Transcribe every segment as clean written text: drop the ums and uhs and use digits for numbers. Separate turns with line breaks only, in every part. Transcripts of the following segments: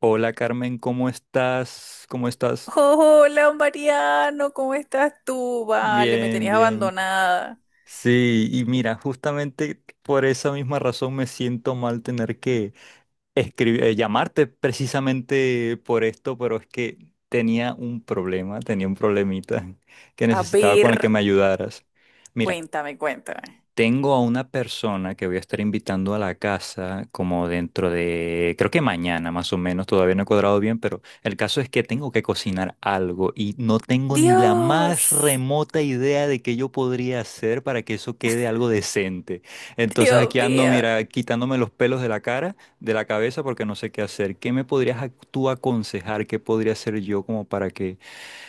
Hola Carmen, ¿cómo estás? ¿Cómo estás?
Hola, Mariano, ¿cómo estás tú? Vale, me
Bien,
tenías
bien.
abandonada.
Sí, y mira, justamente por esa misma razón me siento mal tener que escribir, llamarte precisamente por esto, pero es que tenía un problema, tenía un problemita que
A
necesitaba
ver,
con el que me ayudaras. Mira.
cuéntame, cuéntame.
Tengo a una persona que voy a estar invitando a la casa como dentro de, creo que mañana más o menos, todavía no he cuadrado bien, pero el caso es que tengo que cocinar algo y no tengo ni la más
Dios,
remota idea de qué yo podría hacer para que eso quede algo decente. Entonces
Dios
aquí ando,
mío.
mira, quitándome los pelos de la cara, de la cabeza, porque no sé qué hacer. ¿Qué me podrías tú aconsejar? ¿Qué podría hacer yo como para que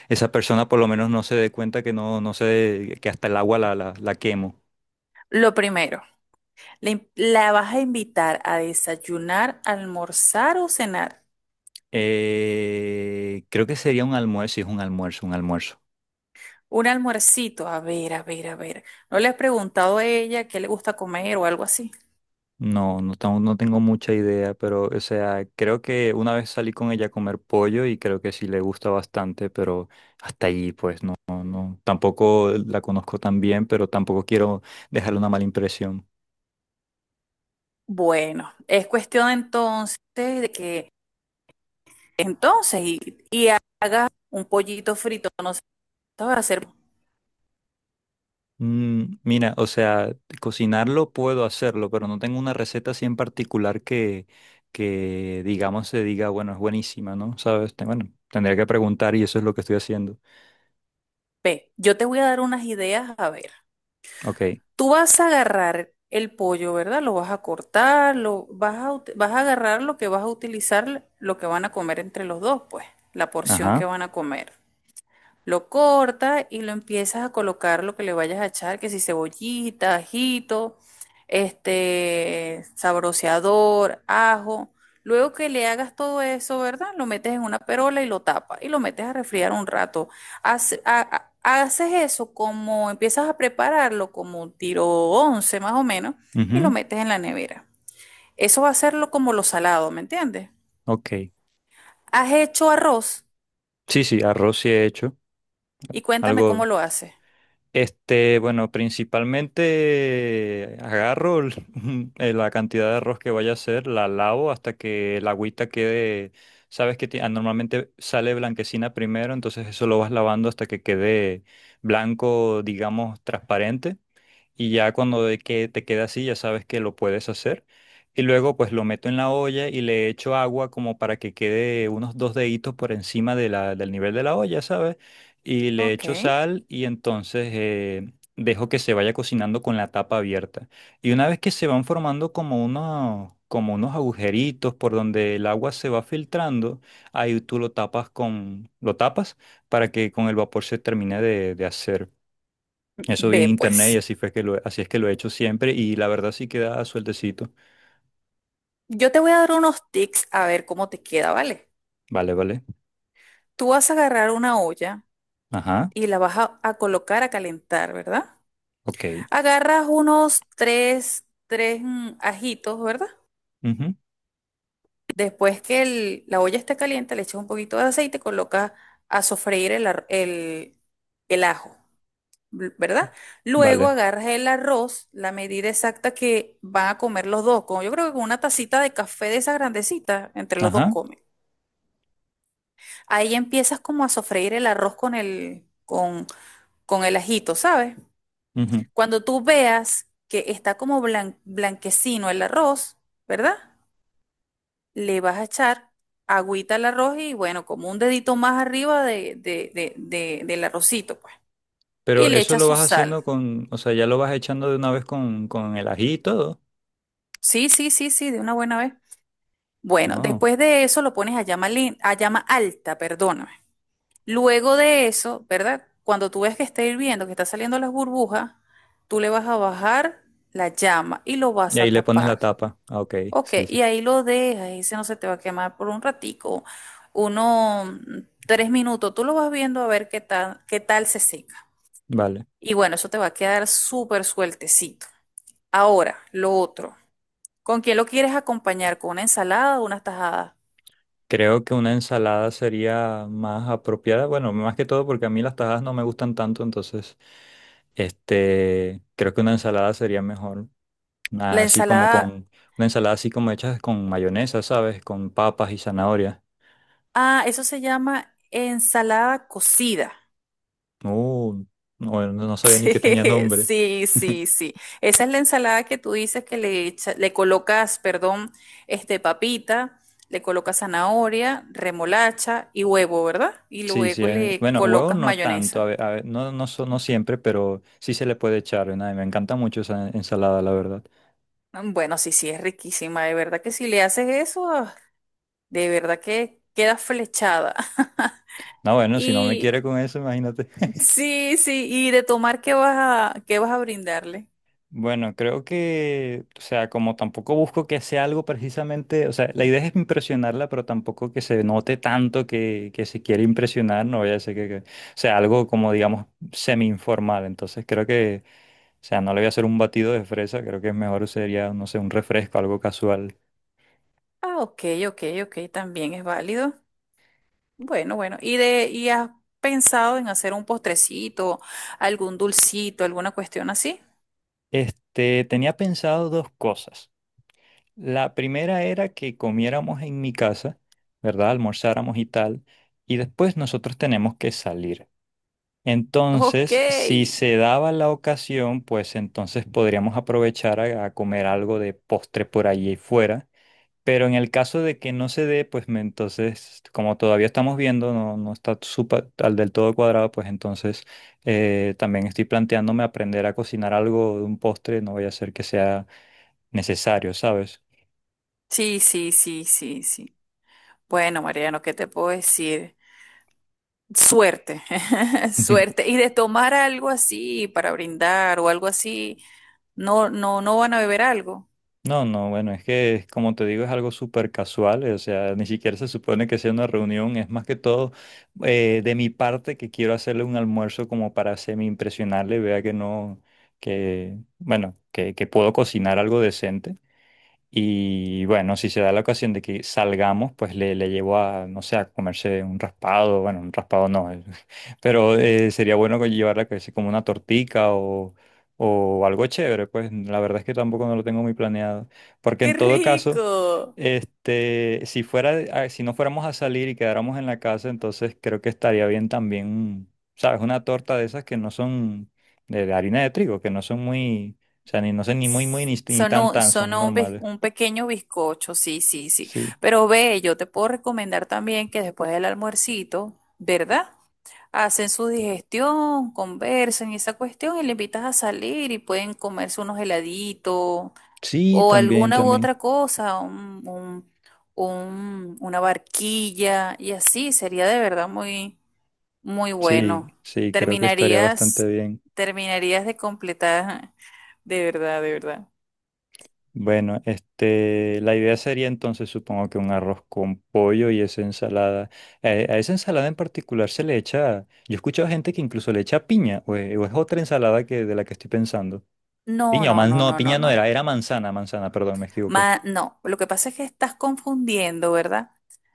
esa persona por lo menos no se dé cuenta que no, no sé, que hasta el agua la quemo?
Lo primero, ¿la vas a invitar a desayunar, almorzar o cenar?
Creo que sería un almuerzo, sí, es un almuerzo, un almuerzo.
Un almuercito, a ver, a ver, a ver. ¿No le has preguntado a ella qué le gusta comer o algo así?
No, no tengo mucha idea, pero, o sea, creo que una vez salí con ella a comer pollo y creo que sí le gusta bastante, pero hasta ahí, pues, no. Tampoco la conozco tan bien, pero tampoco quiero dejarle una mala impresión.
Bueno, es cuestión entonces de que entonces y, y haga un pollito frito, no sé, ¿sabes hacer?
Mm, mira, o sea, cocinarlo puedo hacerlo, pero no tengo una receta así en particular que digamos, se diga, bueno, es buenísima, ¿no? ¿Sabes? Bueno, tendría que preguntar y eso es lo que estoy haciendo.
Ve, yo te voy a dar unas ideas, a ver.
Ok,
Tú vas a agarrar el pollo, ¿verdad? Lo vas a cortar, lo vas a, ut- vas a agarrar lo que vas a utilizar, lo que van a comer entre los dos, pues, la porción que
ajá,
van a comer. Lo cortas y lo empiezas a colocar lo que le vayas a echar, que si cebollita, ajito, sabroseador, ajo. Luego que le hagas todo eso, ¿verdad? Lo metes en una perola y lo tapas y lo metes a refriar un rato. Haces eso como empiezas a prepararlo como un tiro 11 más o menos y lo
ujú,
metes en la nevera. Eso va a hacerlo como lo salado, ¿me entiendes?
ok.
Has hecho arroz
Sí, sí, arroz sí he hecho.
y cuéntame
Algo,
cómo lo haces.
este, bueno, principalmente agarro la cantidad de arroz que vaya a hacer, la lavo hasta que la agüita quede, sabes que normalmente sale blanquecina primero, entonces eso lo vas lavando hasta que quede blanco, digamos, transparente. Y ya cuando de que te queda así ya sabes que lo puedes hacer. Y luego pues lo meto en la olla y le echo agua como para que quede unos dos deditos por encima de la, del nivel de la olla, ¿sabes? Y le
Ok.
echo sal y entonces dejo que se vaya cocinando con la tapa abierta. Y una vez que se van formando como unos agujeritos por donde el agua se va filtrando, ahí tú lo tapas con, lo tapas para que con el vapor se termine de hacer. Eso vi en
Ve
internet y
pues.
así fue que lo, así es que lo he hecho siempre y la verdad sí queda sueltecito.
Yo te voy a dar unos tips a ver cómo te queda, ¿vale?
Vale, vale.
Tú vas a agarrar una olla
Ajá.
y la vas a colocar a calentar, ¿verdad?
Ok.
Agarras unos tres, tres ajitos, ¿verdad?
Ujú,
Después que la olla esté caliente, le echas un poquito de aceite y colocas a sofreír el ajo, ¿verdad? Luego
vale.
agarras el arroz, la medida exacta que van a comer los dos, como yo creo que con una tacita de café de esa grandecita, entre los dos
Ajá.
comen. Ahí empiezas como a sofreír el arroz con el ajito, ¿sabes?
Ujú.
Cuando tú veas que está como blanquecino el arroz, ¿verdad? Le vas a echar agüita al arroz y bueno, como un dedito más arriba del arrocito, pues. Y
Pero
le
eso
echas
lo
su
vas
sal.
haciendo con, o sea, ya lo vas echando de una vez con el ají y todo.
Sí, sí, sí, sí, de una buena vez. Bueno,
Oh.
después de eso lo pones a llama, a llama alta, perdón. Luego de eso, ¿verdad? Cuando tú ves que está hirviendo, que está saliendo las burbujas, tú le vas a bajar la llama y lo
Y
vas
ahí
a
le pones la
tapar.
tapa. Ah, ok.
Ok,
Sí, sí.
y ahí lo dejas, y ese no se te va a quemar por un ratico, uno, 3 minutos, tú lo vas viendo a ver qué tal se seca.
Vale.
Y bueno, eso te va a quedar súper sueltecito. Ahora, lo otro, ¿con quién lo quieres acompañar? ¿Con una ensalada o una tajada?
Creo que una ensalada sería más apropiada. Bueno, más que todo porque a mí las tajadas no me gustan tanto, entonces, este, creo que una ensalada sería mejor.
La
Así como
ensalada,
con una ensalada así como hecha con mayonesa, ¿sabes? Con papas y zanahorias.
ah, eso se llama ensalada cocida.
Uh, no, no sabía ni
Sí,
que tenía nombre.
sí, sí, sí. Esa es la ensalada que tú dices que le le colocas, perdón, este papita, le colocas zanahoria, remolacha y huevo, ¿verdad? Y
Sí, sí.
luego le
Bueno, huevo
colocas
no tanto,
mayonesa.
a ve- no, no, no siempre, pero sí se le puede echar. ¿No? Y me encanta mucho esa ensalada, la verdad.
Bueno, sí, sí, es riquísima, de verdad que si le haces eso, ah, de verdad que queda flechada.
No, bueno, si no me
Y
quiere con eso, imagínate.
sí, sí, y de tomar, ¿qué vas a brindarle?
Bueno, creo que, o sea, como tampoco busco que sea algo precisamente, o sea, la idea es impresionarla, pero tampoco que se note tanto que se quiere impresionar, no voy a decir o sea, algo como, digamos, semi-informal. Entonces creo que, o sea, no le voy a hacer un batido de fresa, creo que es mejor sería, no sé, un refresco, algo casual.
Ah, ok, ok, ok, también es válido. Bueno, bueno. ¿Y de, y has pensado en hacer un postrecito, algún dulcito, alguna cuestión así?
Este, tenía pensado dos cosas. La primera era que comiéramos en mi casa, ¿verdad? Almorzáramos y tal, y después nosotros tenemos que salir.
Ok.
Entonces, si se daba la ocasión, pues entonces podríamos aprovechar a comer algo de postre por allí fuera. Pero en el caso de que no se dé, entonces, como todavía estamos viendo, no, no está súper al del todo cuadrado, pues entonces también estoy planteándome aprender a cocinar algo de un postre, no vaya a ser que sea necesario, ¿sabes?
Sí, sí, sí, sí, sí. Bueno, Mariano, ¿qué te puedo decir? Suerte, suerte. Y de tomar algo así para brindar o algo así, no, no, no van a beber algo.
No, no, bueno, es que como te digo es algo súper casual, o sea, ni siquiera se supone que sea una reunión, es más que todo de mi parte que quiero hacerle un almuerzo como para semi-impresionarle, vea que no, que, bueno, que puedo cocinar algo decente. Y bueno, si se da la ocasión de que salgamos, pues le llevo a, no sé, a comerse un raspado, bueno, un raspado no, pero sería bueno que llevarla que sea como una tortica o algo chévere, pues la verdad es que tampoco no lo tengo muy planeado, porque
¡Qué
en todo caso,
rico!
este, si fuera, si no fuéramos a salir y quedáramos en la casa, entonces creo que estaría bien también, ¿sabes? Una torta de esas que no son de harina de trigo, que no son muy, o sea, ni, no sé, ni muy, muy, ni, ni
Son
tan,
un,
tan,
son
son
un, bis-
normales.
un pequeño bizcocho, sí, sí, sí.
Sí,
Pero ve, yo te puedo recomendar también que después del almuercito, ¿verdad? Hacen su digestión, conversan y esa cuestión y le invitas a salir y pueden comerse unos heladitos
sí,
o
también,
alguna u
también.
otra cosa, una barquilla y así sería de verdad muy, muy
Sí,
bueno.
sí, creo que estaría bastante
Terminarías,
bien.
terminarías de completar, de verdad, de verdad.
Bueno, este, la idea sería entonces, supongo que un arroz con pollo y esa ensalada. A esa ensalada en particular se le echa, yo he escuchado gente que incluso le echa piña, o es, otra ensalada que, de la que estoy pensando.
No,
Piña,
no, no,
no,
no, no,
piña no era,
no.
era manzana, manzana, perdón, me equivoqué.
No, lo que pasa es que estás confundiendo, ¿verdad?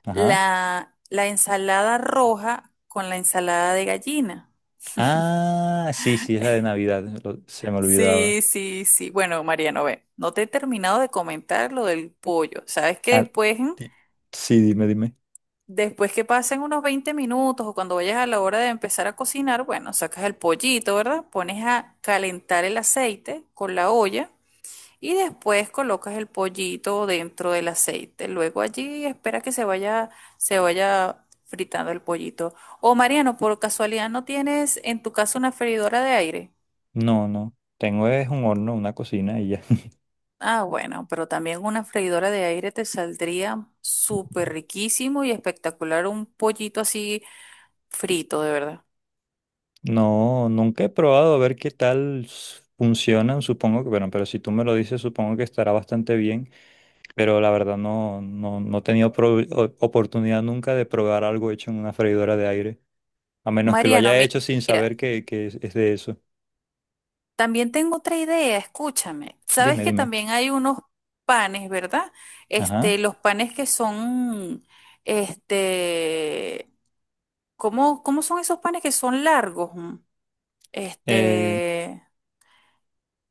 Ajá.
La ensalada roja con la ensalada de gallina.
Ah, sí, sí, es la de Navidad, se me olvidaba.
Sí, sí, sí. Bueno, Mariano, ve, no te he terminado de comentar lo del pollo. Sabes que
Ah,
después,
di- sí, dime, dime.
después que pasen unos 20 minutos o cuando vayas a la hora de empezar a cocinar, bueno, sacas el pollito, ¿verdad? Pones a calentar el aceite con la olla y después colocas el pollito dentro del aceite. Luego allí espera que se vaya fritando el pollito. O Mariano, por casualidad, ¿no tienes en tu casa una freidora de aire?
No, no. Tengo es un horno, una cocina y ya.
Ah, bueno, pero también una freidora de aire te saldría súper riquísimo y espectacular un pollito así frito, de verdad.
No, nunca he probado a ver qué tal funcionan. Supongo que, bueno, pero si tú me lo dices, supongo que estará bastante bien. Pero la verdad no, no he tenido oportunidad nunca de probar algo hecho en una freidora de aire. A menos que lo
Mariano,
haya
mi-
hecho sin
mira,
saber que es de eso.
también tengo otra idea, escúchame. Sabes
Dime,
que
dime.
también hay unos panes, ¿verdad?
Ajá.
Los panes que son, este, ¿cómo son esos panes que son largos?
Eh,
Este,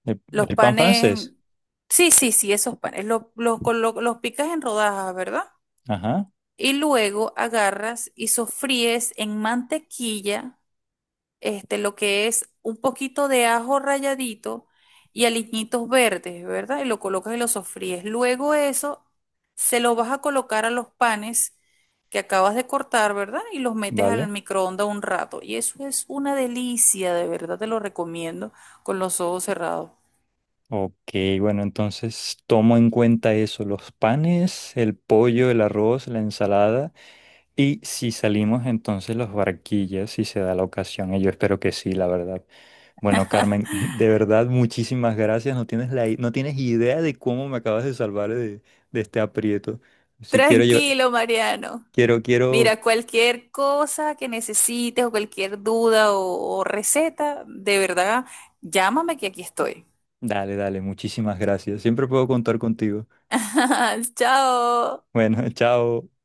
el,
los
el pan
panes,
francés.
sí, sí, sí, esos panes, los picas en rodajas, ¿verdad?
Ajá.
Y luego agarras y sofríes en mantequilla, lo que es un poquito de ajo ralladito y aliñitos verdes, ¿verdad? Y lo colocas y lo sofríes. Luego eso se lo vas a colocar a los panes que acabas de cortar, ¿verdad? Y los metes al
Vale.
microondas un rato. Y eso es una delicia, de verdad te lo recomiendo con los ojos cerrados.
Ok, bueno, entonces tomo en cuenta eso, los panes, el pollo, el arroz, la ensalada y si salimos entonces los barquillas, si se da la ocasión, y yo espero que sí, la verdad. Bueno, Carmen, de verdad muchísimas gracias, no tienes la, no tienes idea de cómo me acabas de salvar de este aprieto. Si quiero yo,
Tranquilo, Mariano.
quiero, quiero,
Mira, cualquier cosa que necesites o cualquier duda o receta, de verdad, llámame que aquí estoy.
dale, dale, muchísimas gracias, siempre puedo contar contigo.
Chao.
Bueno, chao.